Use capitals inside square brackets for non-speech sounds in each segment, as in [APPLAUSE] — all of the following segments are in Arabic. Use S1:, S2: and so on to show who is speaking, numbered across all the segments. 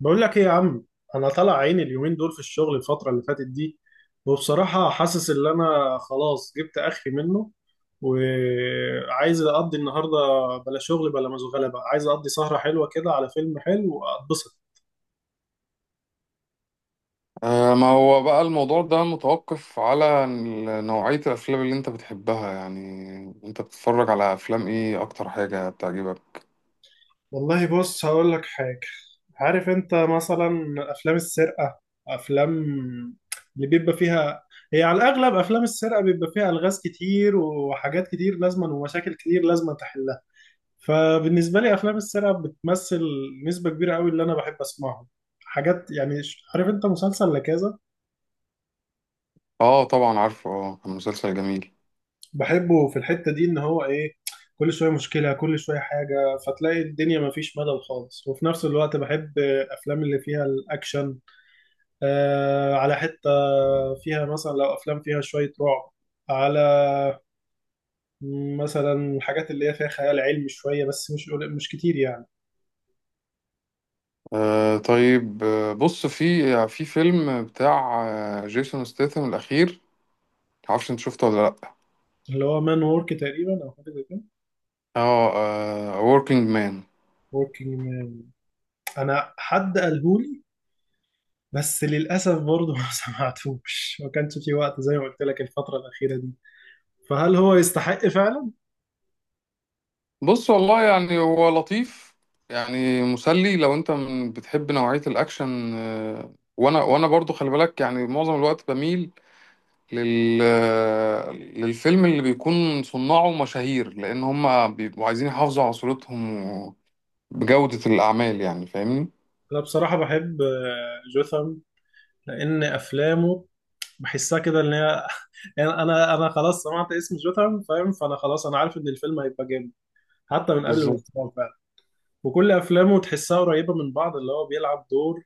S1: بقول لك ايه يا عم؟ انا طالع عيني اليومين دول في الشغل الفتره اللي فاتت دي، وبصراحه حاسس ان انا خلاص جبت اخري منه وعايز اقضي النهارده بلا شغل بلا مشغله، بقى عايز اقضي سهره حلوه كده على فيلم حلو واتبسط.
S2: آه، ما هو بقى الموضوع ده متوقف على نوعية الأفلام اللي أنت بتحبها يعني. أنت بتتفرج على أفلام إيه، أكتر حاجة بتعجبك؟
S1: والله بص هقول لك حاجة. عارف انت مثلا افلام السرقة، افلام اللي بيبقى فيها هي على الاغلب افلام السرقة بيبقى فيها الغاز كتير وحاجات كتير لازما ومشاكل كتير لازما. فبالنسبة لي أفلام السرقة بتمثل نسبة كبيرة قوي اللي أنا بحب أسمعه. حاجات يعني عارف أنت مسلسل لكذا.
S2: آه طبعا عارفه. آه، كان مسلسل جميل.
S1: بحبه في الحتة دي إن هو إيه؟ كل شوية مشكلة كل شوية حاجة، فتلاقي الدنيا مفيش ملل خالص. وفي نفس الوقت بحب أفلام اللي فيها الأكشن. آه على حتة فيها مثلا، لو أفلام فيها شوية رعب، على مثلا الحاجات اللي هي فيها خيال علمي شوية، بس مش كتير يعني.
S2: آه طيب. بص، في فيلم بتاع جيسون ستيثم الأخير. معرفش أنت شفته ولا لأ؟
S1: اللي هو مان وورك تقريبا أو حاجة زي كده.
S2: آه. Working Man.
S1: وركينج. انا حد قالهولي، بس للاسف برضه ما [LAUGHS] سمعتوش، ما كانش في وقت زي ما قلت لك الفتره الاخيره دي. فهل هو يستحق فعلا؟
S2: بص، والله يعني هو لطيف. يعني مسلي لو أنت بتحب نوعية الأكشن. وانا برضو خلي بالك، يعني معظم الوقت بميل لل... للفيلم اللي بيكون صناعه مشاهير، لأن هم بيبقوا عايزين يحافظوا على صورتهم بجودة الأعمال، يعني فاهمني؟
S1: انا بصراحه بحب جوثام، لان افلامه بحسها كده ان هي [LAUGHS] يعني انا خلاص سمعت اسم جوثام فاهم، فانا خلاص انا عارف ان الفيلم هيبقى جامد، حتى من قبل ما
S2: بالظبط.
S1: يسمعه فعلا. وكل افلامه تحسها قريبه من بعض، اللي هو بيلعب دور.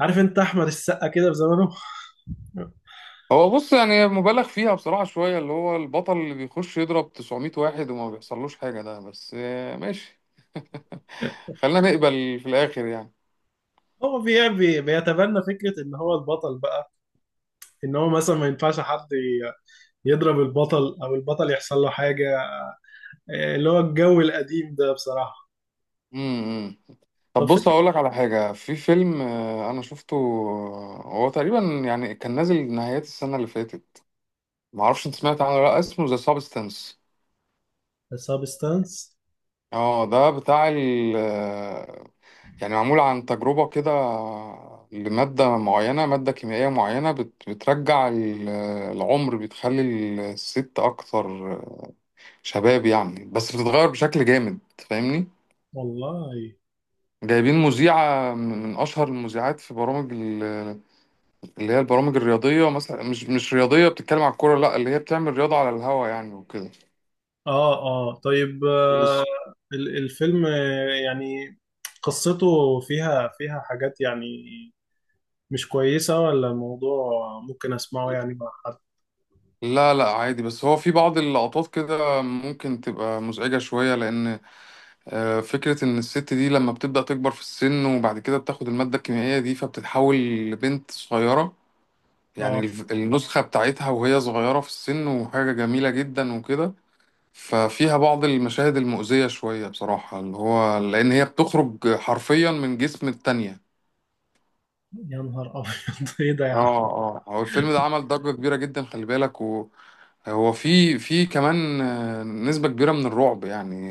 S1: عارف انت احمد السقا كده في زمانه [LAUGHS]
S2: هو بص، يعني مبالغ فيها بصراحة شوية، اللي هو البطل اللي بيخش يضرب 900 واحد وما بيحصلوش حاجة ده. بس ماشي، خلينا نقبل في الآخر يعني.
S1: هو بيتبنى فكرة إن هو البطل بقى، ان هو مثلا ما ينفعش حد يضرب البطل او البطل يحصل له حاجه. اللي هو الجو القديم ده بصراحه.
S2: امم.
S1: طب
S2: طب، بص
S1: فكره.
S2: هقول لك على حاجة. في فيلم أنا شفته، هو تقريبا يعني كان نازل نهايات السنة اللي فاتت. معرفش أنت سمعت عنه ولا لأ، اسمه ذا سابستنس.
S1: سابستانس.
S2: اه، ده بتاع. يعني معمول عن تجربة كده لمادة معينة، مادة كيميائية معينة بترجع العمر، بتخلي الست أكثر شباب يعني، بس بتتغير بشكل جامد. فاهمني؟
S1: والله.
S2: جايبين مذيعة من أشهر المذيعات في برامج اللي هي البرامج الرياضية مثلا. مش رياضية بتتكلم عن الكورة، لا، اللي هي بتعمل رياضة على الهوا يعني وكده،
S1: اه اه طيب.
S2: بس.
S1: الفيلم يعني قصته فيها حاجات يعني مش كويسه؟ ولا الموضوع ممكن اسمعه يعني مع حد؟
S2: لا، لا، عادي. بس هو في بعض اللقطات كده ممكن تبقى مزعجة شوية، لأن فكرة إن الست دي لما بتبدأ تكبر في السن وبعد كده بتاخد المادة الكيميائية دي، فبتتحول لبنت صغيرة. يعني
S1: اه.
S2: النسخة بتاعتها وهي صغيرة في السن، وحاجة جميلة جدا وكده. ففيها بعض المشاهد المؤذية شوية بصراحة، اللي هو لأن هي بتخرج حرفيا من جسم التانية.
S1: يا نهار ابيض [LAUGHS] ايه ده يا
S2: اه.
S1: عم؟
S2: اه، هو الفيلم ده عمل ضجة كبيرة جدا خلي بالك. وهو في كمان نسبة كبيرة من الرعب يعني،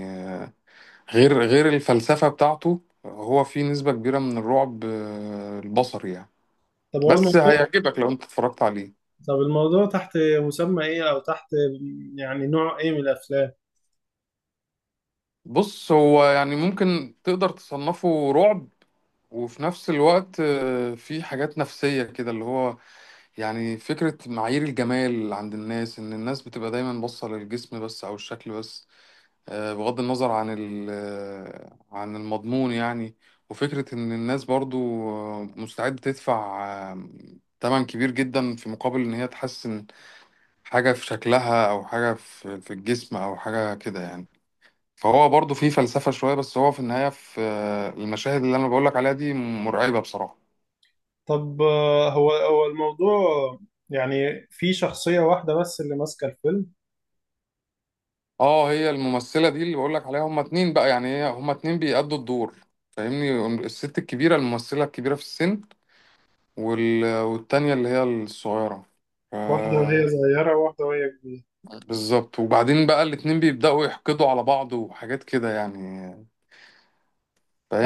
S2: غير الفلسفة بتاعته. هو فيه نسبة كبيرة من الرعب البصري يعني.
S1: طب هو
S2: بس
S1: الموضوع.
S2: هيعجبك لو انت اتفرجت عليه.
S1: طب الموضوع تحت مسمى ايه، او تحت يعني نوع ايه من الافلام؟
S2: بص، هو يعني ممكن تقدر تصنفه رعب، وفي نفس الوقت فيه حاجات نفسية كده، اللي هو يعني فكرة معايير الجمال عند الناس، ان الناس بتبقى دايما باصة للجسم بس او الشكل بس، بغض النظر عن عن المضمون يعني. وفكرة إن الناس برضو مستعدة تدفع آه، تمن كبير جدا، في مقابل إن هي تحسن حاجة في شكلها، أو حاجة في الجسم، أو حاجة كده يعني. فهو برضو فيه فلسفة شوية، بس هو في النهاية في المشاهد اللي أنا بقولك عليها دي مرعبة بصراحة.
S1: طب هو الموضوع يعني في شخصية واحدة بس اللي ماسكة الفيلم؟
S2: اه، هي الممثلة دي اللي بقولك عليها، هما اتنين بقى، يعني هي هما اتنين بيأدوا الدور. فاهمني؟ الست الكبيرة، الممثلة الكبيرة في السن، والتانية اللي هي الصغيرة. ف-
S1: واحدة وهي صغيرة وواحدة وهي كبيرة.
S2: بالظبط. وبعدين بقى الاتنين بيبدأوا يحقدوا على بعض وحاجات كده يعني،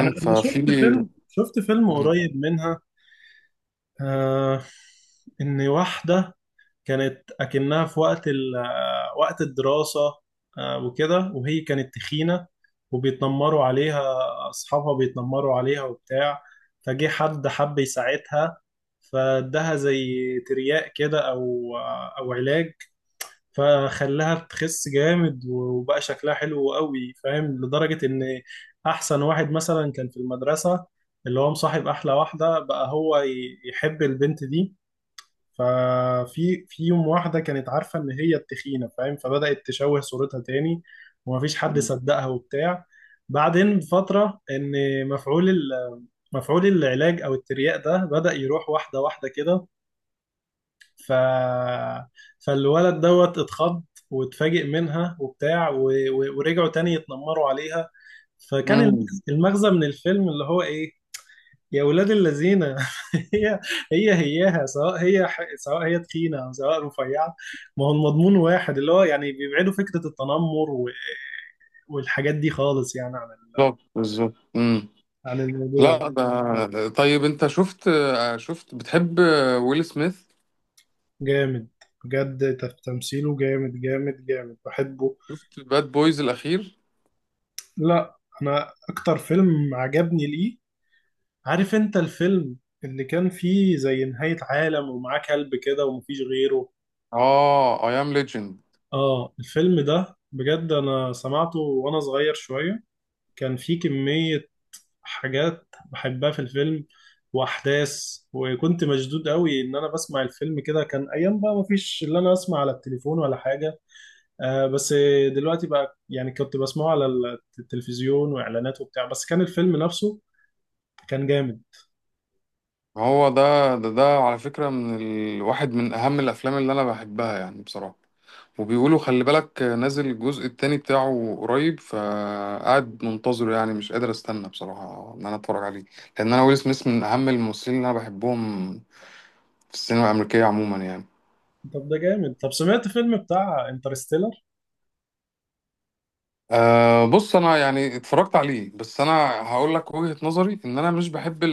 S1: أنا أنا شفت فيلم
S2: مم.
S1: قريب منها. آه، إن واحدة كانت أكنها في وقت ال آه، وقت الدراسة. آه وكده، وهي كانت تخينة وبيتنمروا عليها، أصحابها بيتنمروا عليها وبتاع. فجه حد حب يساعدها، فادها زي ترياق كده، أو أو علاج. فخلاها تخس جامد وبقى شكلها حلو قوي فاهم. لدرجة ان احسن واحد مثلا كان في المدرسة، اللي هو مصاحب احلى واحدة بقى، هو يحب البنت دي. في يوم، واحدة كانت عارفة ان هي التخينة فاهم، فبدأت تشوه صورتها تاني، ومفيش حد صدقها وبتاع. بعدين بفترة ان مفعول ال- مفعول العلاج او الترياق ده بدأ يروح واحدة واحدة كده. ف... فالولد دوت اتخض واتفاجئ منها وبتاع ورجعوا تاني يتنمروا عليها. فكان
S2: مم.
S1: المغزى من الفيلم اللي هو ايه؟ يا ولاد الذين [LAUGHS] هي هي هياها، سواء هي تخينه او سواء رفيعه، ما هو المضمون واحد. اللي هو يعني بيبعدوا فكره التنمر والحاجات دي خالص يعني
S2: بالظبط، بالظبط. مم.
S1: عن الموضوع.
S2: لا، ده طيب. انت شفت، شفت بتحب ويل سميث،
S1: جامد، بجد تمثيله جامد جامد جامد بحبه.
S2: شفت باد بويز الأخير؟
S1: لا، انا اكتر فيلم عجبني ليه؟ عارف انت الفيلم اللي كان فيه زي نهاية عالم ومعاه كلب كده ومفيش غيره.
S2: اه، اي ام ليجند.
S1: اه الفيلم ده بجد انا سمعته وانا صغير شوية. كان فيه كمية حاجات بحبها في الفيلم واحداث، وكنت مشدود قوي ان انا بسمع الفيلم كده. كان ايام بقى مفيش اللي انا اسمع على التليفون ولا حاجة، آه بس دلوقتي بقى. يعني كنت بسمعه على التلفزيون واعلانات وبتاع، بس كان الفيلم نفسه كان جامد.
S2: ما هو ده على فكرة من واحد من أهم الأفلام اللي أنا بحبها يعني بصراحة. وبيقولوا خلي بالك نازل الجزء التاني بتاعه قريب، فقاعد منتظره. يعني مش قادر أستنى بصراحة إن أنا أتفرج عليه، لأن أنا ويل سميث من أهم الممثلين اللي أنا بحبهم في السينما الأمريكية عموما يعني.
S1: طب ده جامد. طب سمعت فيلم بتاع انترستيلر.
S2: أه، بص، أنا يعني اتفرجت عليه، بس أنا هقول لك وجهة نظري. إن أنا مش بحب،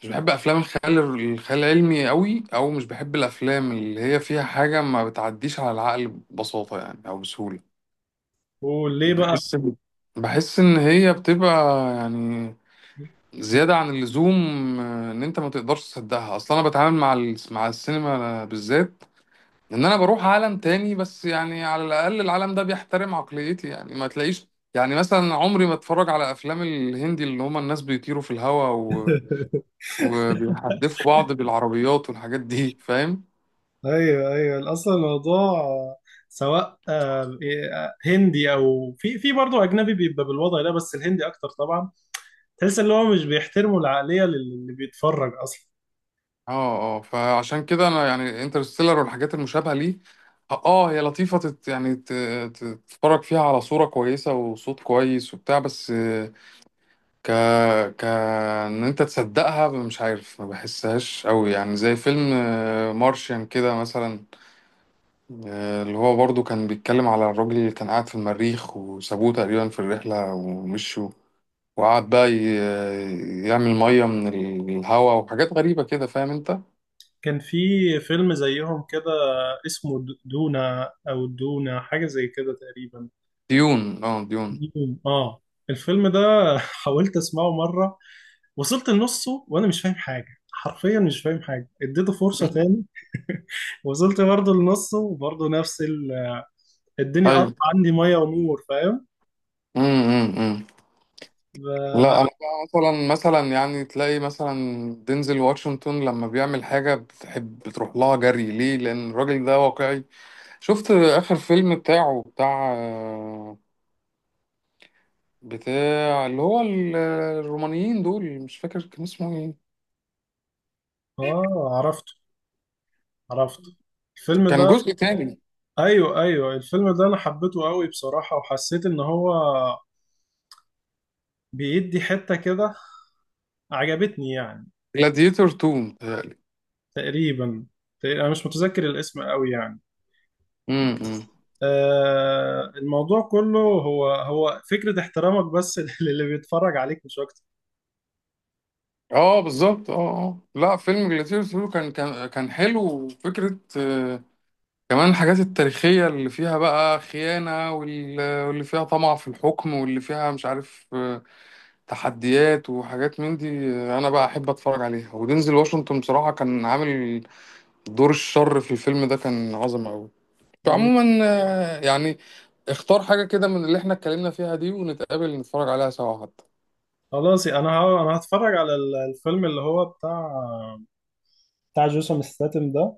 S2: مش بحب افلام الخيال العلمي قوي، او مش بحب الافلام اللي هي فيها حاجه ما بتعديش على العقل ببساطه يعني، او بسهوله.
S1: قول ليه بقى.
S2: بحس بحس ان هي بتبقى يعني زياده عن اللزوم، ان انت ما تقدرش تصدقها اصلا. انا بتعامل مع السينما بالذات، ان انا بروح عالم تاني. بس يعني على الاقل العالم ده بيحترم عقليتي، يعني ما تلاقيش، يعني مثلا، عمري ما اتفرج على افلام الهندي، اللي هما الناس بيطيروا في الهواء
S1: [LAUGHS]
S2: وبيحدفوا بعض بالعربيات والحاجات دي، فاهم؟
S1: ايوه ايوه. اصلا الموضوع سواء إيه، هندي او في برضه اجنبي بيبقى بالوضع ده، بس الهندي اكتر طبعا. تحس ان هو مش بيحترموا العقليه اللي بيتفرج اصلا.
S2: اه، اه. فعشان كده انا يعني انترستيلر والحاجات المشابهه ليه، اه، هي لطيفه، يعني تتفرج فيها على صوره كويسه وصوت كويس وبتاع، بس ك ك ان انت تصدقها، مش عارف، ما بحسهاش قوي يعني، زي فيلم مارشيان كده مثلا، اللي هو برضو كان بيتكلم على الراجل اللي كان قاعد في المريخ وسابوه تقريبا في الرحله ومشوا، وقعد بقى يعمل ميه من الهواء وحاجات غريبه كده، فاهم انت؟
S1: كان في فيلم زيهم كده اسمه دونا، او دونا حاجه زي كده تقريبا.
S2: ديون، اه، ديون.
S1: دوم. اه. الفيلم ده [LAUGHS] حاولت اسمعه مره، وصلت لنصه وانا مش فاهم حاجه، حرفيا مش فاهم حاجه، اديته فرصه
S2: مم.
S1: تاني [LAUGHS] وصلت برضه لنصه وبرضه نفس الدنيا قطع
S2: ايوه.
S1: عندي ميه ونور فاهم.
S2: امم، امم.
S1: ف-
S2: لا، انا بقى مثلا يعني تلاقي مثلا دينزل واشنطن، لما بيعمل حاجه بتحب بتروح لها جري ليه، لان الراجل ده واقعي. شفت اخر فيلم بتاعه اللي هو الرومانيين دول، مش فاكر كان اسمه ايه.
S1: اه عرفته، عرفته الفيلم
S2: كان
S1: ده.
S2: جزء تاني،
S1: ايوه ايوه الفيلم ده انا حبيته قوي بصراحه، وحسيت ان هو بيدي حته كده، عجبتني يعني.
S2: جلاديتور 2.
S1: تقريبا، انا مش متذكر الاسم قوي يعني.
S2: متهيألي.
S1: آه الموضوع كله هو فكره احترامك بس [LAUGHS] للي بيتفرج عليك مش اكتر.
S2: اه، بالظبط، اه، اه. لا، فيلم جلاديتور سولو كان حلو. وفكرة كمان الحاجات التاريخية، اللي فيها بقى خيانة واللي فيها طمع في الحكم، واللي فيها مش عارف تحديات وحاجات من دي. أنا بقى أحب أتفرج عليها. ودينزل واشنطن بصراحة كان عامل دور الشر في الفيلم ده، كان عظم أوي. فعموما، يعني اختار حاجة كده من اللي احنا اتكلمنا فيها دي، ونتقابل نتفرج عليها سوا حتى.
S1: خلاص انا انا هتفرج على الفيلم اللي هو بتاع جيسون ستاتم ده،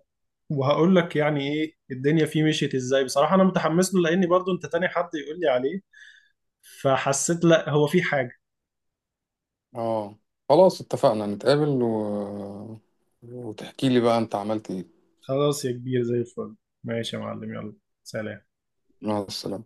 S1: وهقول لك يعني ايه الدنيا فيه مشيت ازاي. بصراحة انا متحمس له لاني برضو انت تاني حد يقول لي عليه، فحسيت لا هو في حاجة.
S2: اه، خلاص اتفقنا نتقابل وتحكي لي بقى انت عملت ايه.
S1: خلاص يا كبير زي الفل. ماشي يا معلم، يلا. سلام.
S2: مع السلامة.